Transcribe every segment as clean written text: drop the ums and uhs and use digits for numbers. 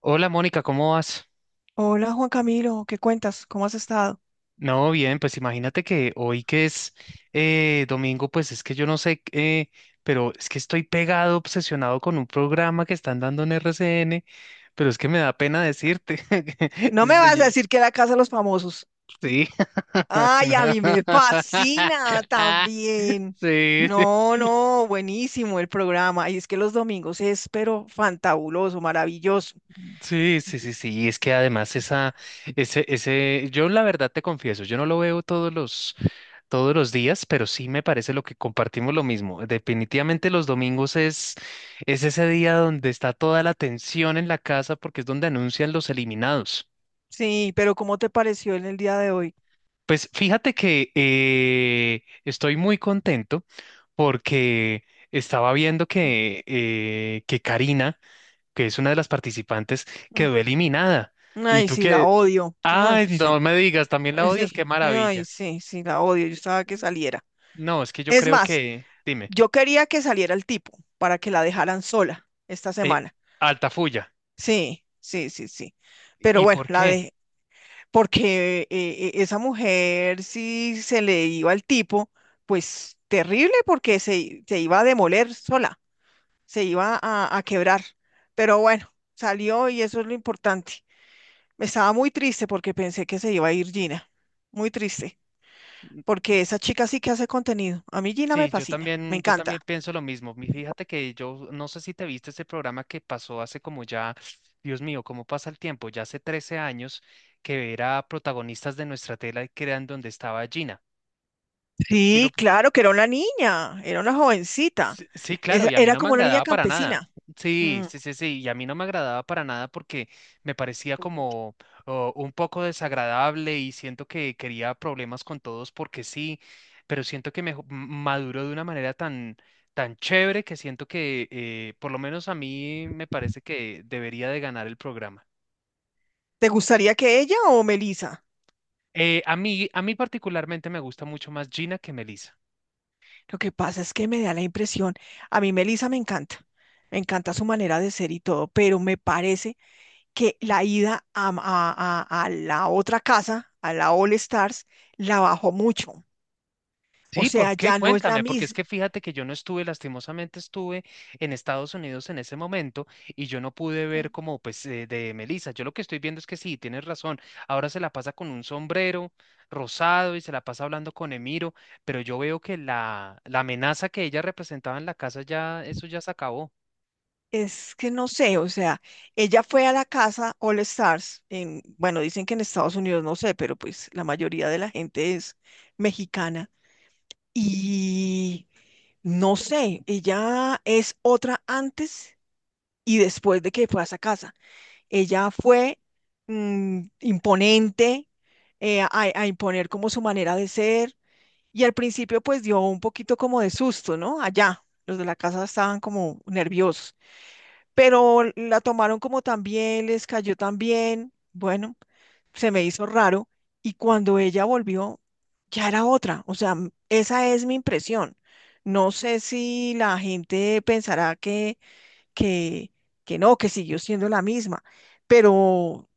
Hola Mónica, ¿cómo vas? Hola Juan Camilo, ¿qué cuentas? ¿Cómo has estado? No, bien, pues imagínate que hoy que es domingo, pues es que yo no sé, pero es que estoy pegado, obsesionado con un programa que están dando en RCN, pero es que me da pena decirte. No me vas a decir que era Casa de los Famosos. Sí. Sí, Ay, a mí me fascina también. No, no, buenísimo el programa. Y es que los domingos es, pero fantabuloso, maravilloso. sí, sí, sí, sí, sí, es que además ese, yo la verdad te confieso, yo no lo veo todos los días, pero sí me parece lo que compartimos lo mismo. Definitivamente los domingos es ese día donde está toda la tensión en la casa porque es donde anuncian los eliminados. Sí, pero ¿cómo te pareció en el día de hoy? Pues fíjate que estoy muy contento porque estaba viendo que Karina, que es una de las participantes, Mm. quedó eliminada. Mm. Y Ay, tú sí, la que, odio. Ay, ay, no sí, me digas, también la ay, odias, qué sí, ay, maravilla. sí, sí, la odio. Yo estaba que saliera. No, es que yo Es creo más, que, dime, yo quería que saliera el tipo para que la dejaran sola esta eh, semana. Altafulla. Sí, sí, sí, sí. Pero ¿Y bueno, por la qué? de, porque esa mujer si se le iba al tipo, pues terrible porque se iba a demoler sola, se iba a quebrar. Pero bueno, salió y eso es lo importante. Me estaba muy triste porque pensé que se iba a ir Gina. Muy triste, porque esa chica sí que hace contenido. A mí Gina me Sí, fascina, me yo también encanta. pienso lo mismo. Fíjate que yo no sé si te viste ese programa que pasó hace como ya, Dios mío, cómo pasa el tiempo, ya hace 13 años que era protagonistas de nuestra tela y que eran donde estaba Gina. ¿Sí lo, Sí, claro que era una niña, era una jovencita. Sí, sí, claro, y a mí Era no me como una niña agradaba para campesina. nada. Sí, sí, sí, sí, y a mí no me agradaba para nada porque me parecía como oh, un poco desagradable y siento que quería problemas con todos porque sí, pero siento que maduró de una manera tan, tan chévere que siento que por lo menos a mí me parece que debería de ganar el programa. ¿Te gustaría que ella o Melissa? A mí particularmente me gusta mucho más Gina que Melissa. Lo que pasa es que me da la impresión, a mí Melissa me encanta su manera de ser y todo, pero me parece que la ida a, a la otra casa, a la All Stars, la bajó mucho. O Sí, sea, ¿por qué? ya no es la Cuéntame, porque es misma. que fíjate que yo no estuve, lastimosamente estuve en Estados Unidos en ese momento y yo no pude ver como pues de Melissa. Yo lo que estoy viendo es que sí, tienes razón. Ahora se la pasa con un sombrero rosado y se la pasa hablando con Emiro, pero yo veo que la amenaza que ella representaba en la casa ya, eso ya se acabó. Es que no sé, o sea, ella fue a la casa All Stars, en, bueno, dicen que en Estados Unidos, no sé, pero pues la mayoría de la gente es mexicana. Y no sé, ella es otra antes y después de que fue a esa casa. Ella fue imponente a imponer como su manera de ser y al principio pues dio un poquito como de susto, ¿no? Allá, los de la casa estaban como nerviosos, pero la tomaron como tan bien, les cayó tan bien, bueno se me hizo raro y cuando ella volvió ya era otra. O sea, esa es mi impresión. No sé si la gente pensará que, que no, que siguió siendo la misma, pero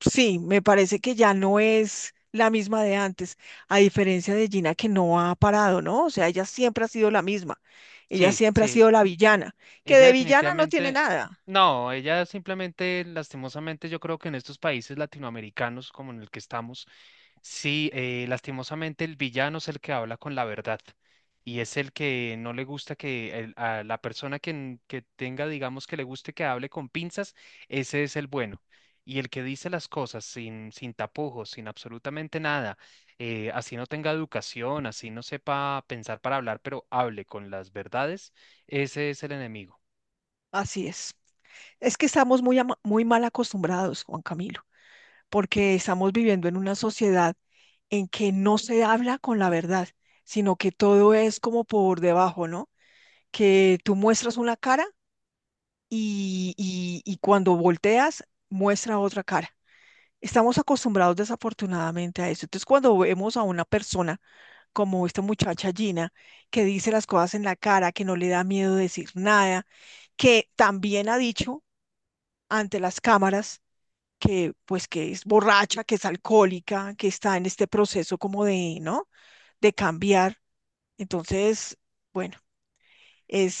sí, me parece que ya no es la misma de antes, a diferencia de Gina que no ha parado, ¿no? O sea, ella siempre ha sido la misma. Ella Sí, siempre ha sí, sido la villana, que ella de villana no tiene definitivamente, nada. no, ella simplemente, lastimosamente, yo creo que en estos países latinoamericanos como en el que estamos. Sí, lastimosamente el villano es el que habla con la verdad y es el que no le gusta que a la persona que, que tenga, digamos, que le guste que hable con pinzas, ese es el bueno. Y el que dice las cosas sin, sin tapujos, sin absolutamente nada, así no tenga educación, así no sepa pensar para hablar, pero hable con las verdades, ese es el enemigo. Así es. Es que estamos muy mal acostumbrados, Juan Camilo. Porque estamos viviendo en una sociedad en que no se habla con la verdad, sino que todo es como por debajo, ¿no? Que tú muestras una cara y cuando volteas muestra otra cara. Estamos acostumbrados desafortunadamente a eso. Entonces, cuando vemos a una persona como esta muchacha Gina, que dice las cosas en la cara, que no le da miedo decir nada, que también ha dicho ante las cámaras, que pues que es borracha, que es alcohólica, que está en este proceso como de, ¿no? De cambiar. Entonces, bueno,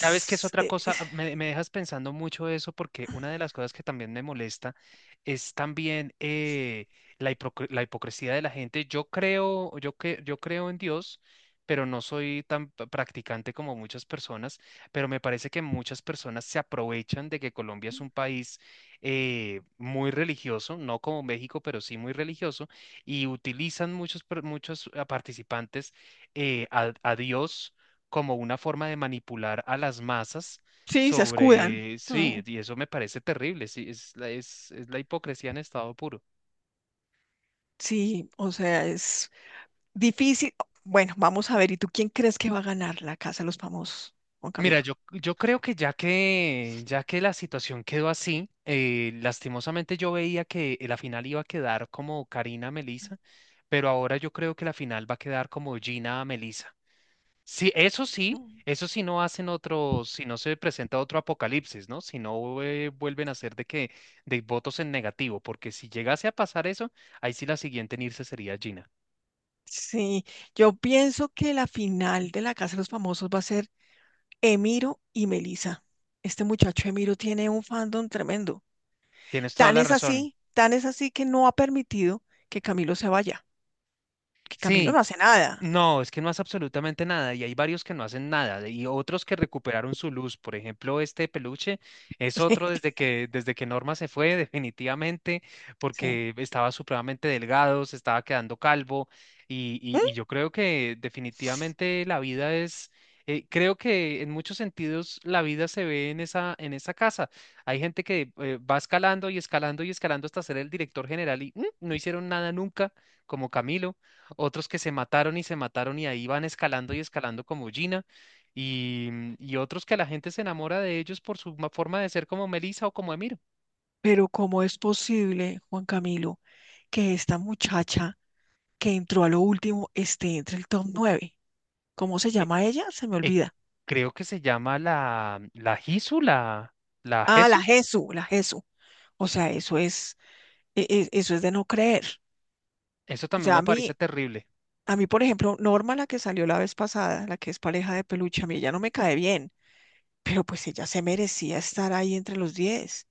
¿Sabes qué es otra eh, es- cosa? Ah, me dejas pensando mucho eso porque una de las cosas que también me molesta es también la, la hipocresía de la gente. Yo creo en Dios, pero no soy tan practicante como muchas personas, pero me parece que muchas personas se aprovechan de que Colombia es un país muy religioso, no como México, pero sí muy religioso, y utilizan muchos participantes a Dios como una forma de manipular a las masas sí, se escudan. sobre, Mm, sí, y eso me parece terrible, sí, es la hipocresía en estado puro. sí, o sea, es difícil. Bueno, vamos a ver, ¿y tú quién crees que va a ganar la Casa de los Famosos, Juan Mira, Camilo? yo creo que ya que, ya que la situación quedó así, lastimosamente yo veía que la final iba a quedar como Karina Melissa, pero ahora yo creo que la final va a quedar como Gina Melissa. Sí, eso sí, Mm. eso sí no hacen otro, si no se presenta otro apocalipsis, ¿no? Si no vuelven a hacer de que, de votos en negativo, porque si llegase a pasar eso, ahí sí la siguiente en irse sería Gina. Sí, yo pienso que la final de la Casa de los Famosos va a ser Emiro y Melissa. Este muchacho Emiro tiene un fandom tremendo. Tienes toda la razón. Tan es así que no ha permitido que Camilo se vaya, que Camilo no Sí, hace nada. no, es que no hace absolutamente nada y hay varios que no hacen nada y otros que recuperaron su luz. Por ejemplo, este peluche es Sí, otro desde que Norma se fue definitivamente sí. porque estaba supremamente delgado, se estaba quedando calvo ¿Mm? Y yo creo que definitivamente la vida es, creo que en muchos sentidos la vida se ve en en esa casa. Hay gente que va escalando y escalando y escalando hasta ser el director general y mm, no hicieron nada nunca, como Camilo. Otros que se mataron y ahí van escalando y escalando como Gina, y, mm, y otros que la gente se enamora de ellos por su forma de ser como Melissa o como Emiro. Pero ¿cómo es posible, Juan Camilo, que esta muchacha que entró a lo último esté entre el top nueve? ¿Cómo se Eh, llama ella? Se me eh, olvida. creo que se llama la Hisu, la, la Ah, la Jesu. Jesu, la Jesu. O sea, eso es, eso es de no creer. Eso O también sea, me parece terrible. Por ejemplo, Norma, la que salió la vez pasada, la que es pareja de peluche, a mí ella no me cae bien, pero pues ella se merecía estar ahí entre los 10.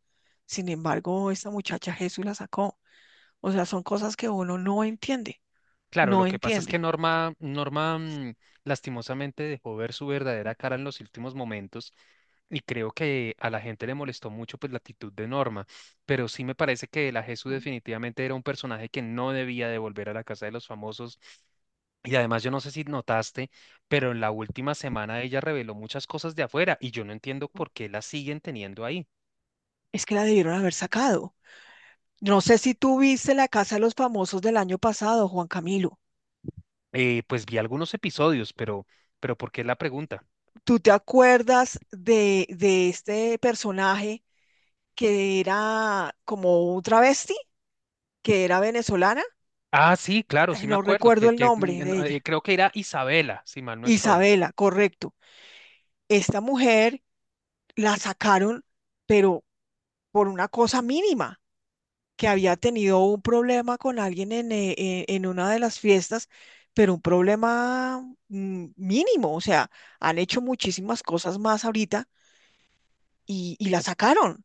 Sin embargo, esta muchacha Jesús la sacó. O sea, son cosas que uno no entiende, Claro, lo no que pasa es que entiende. Norma mm, lastimosamente dejó ver su verdadera cara en los últimos momentos y creo que a la gente le molestó mucho pues la actitud de Norma, pero sí me parece que la Jesús Mm. definitivamente era un personaje que no debía de volver a la casa de los famosos y además yo no sé si notaste, pero en la última semana ella reveló muchas cosas de afuera y yo no entiendo por qué la siguen teniendo ahí. Es que la debieron haber sacado. No sé si tú viste la Casa de los Famosos del año pasado, Juan Camilo. Pues vi algunos episodios, pero ¿por qué la pregunta? ¿Tú te acuerdas de este personaje que era como un travesti, que era venezolana? Ah, sí, claro, sí Ay, me no acuerdo, recuerdo el que, mm, nombre de ella. creo que era Isabela, si mal no estoy. Isabela, correcto. Esta mujer la sacaron, pero por una cosa mínima, que había tenido un problema con alguien en una de las fiestas, pero un problema mínimo, o sea han hecho muchísimas cosas más ahorita y la sacaron.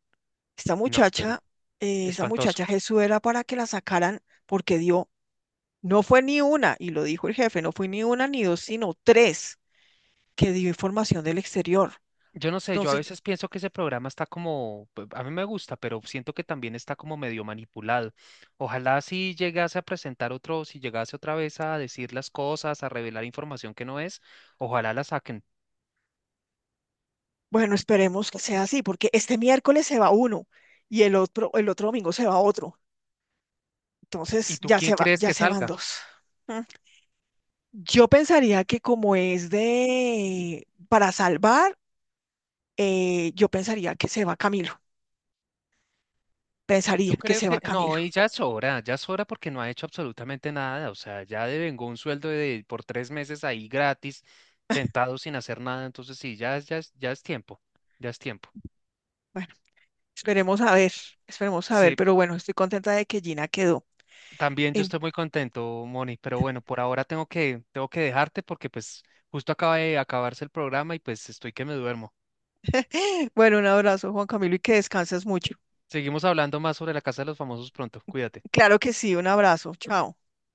Esta No, muchacha, pero Esa espantoso. muchacha Jesús era para que la sacaran porque no fue ni una, y lo dijo el jefe, no fue ni una ni dos, sino tres que dio información del exterior. Yo no sé, yo a Entonces, veces pienso que ese programa está como, pues, a mí me gusta, pero siento que también está como medio manipulado. Ojalá si llegase a presentar otro, si llegase otra vez a decir las cosas, a revelar información que no es, ojalá la saquen. bueno, esperemos que sea así, porque este miércoles se va uno y el otro domingo se va otro. ¿Y Entonces tú quién crees ya que se van salga? dos. Mm. Yo pensaría que como es de para salvar, yo pensaría que se va Camilo. Y yo Pensaría que creo se que, va no, Camilo. y ya sobra porque no ha hecho absolutamente nada, o sea, ya devengó un sueldo de por 3 meses ahí gratis, sentado sin hacer nada, entonces sí, ya, ya, ya es tiempo, ya es tiempo. Esperemos a ver, esperemos a ver, Sí, pero bueno, estoy contenta de que Gina quedó. también yo En- estoy muy contento, Moni, pero bueno, por ahora tengo que dejarte porque pues justo acaba de acabarse el programa y pues estoy que me duermo. Bueno, un abrazo, Juan Camilo, y que descanses mucho. Seguimos hablando más sobre la Casa de los Famosos pronto, cuídate. Claro que sí, un abrazo. Chao.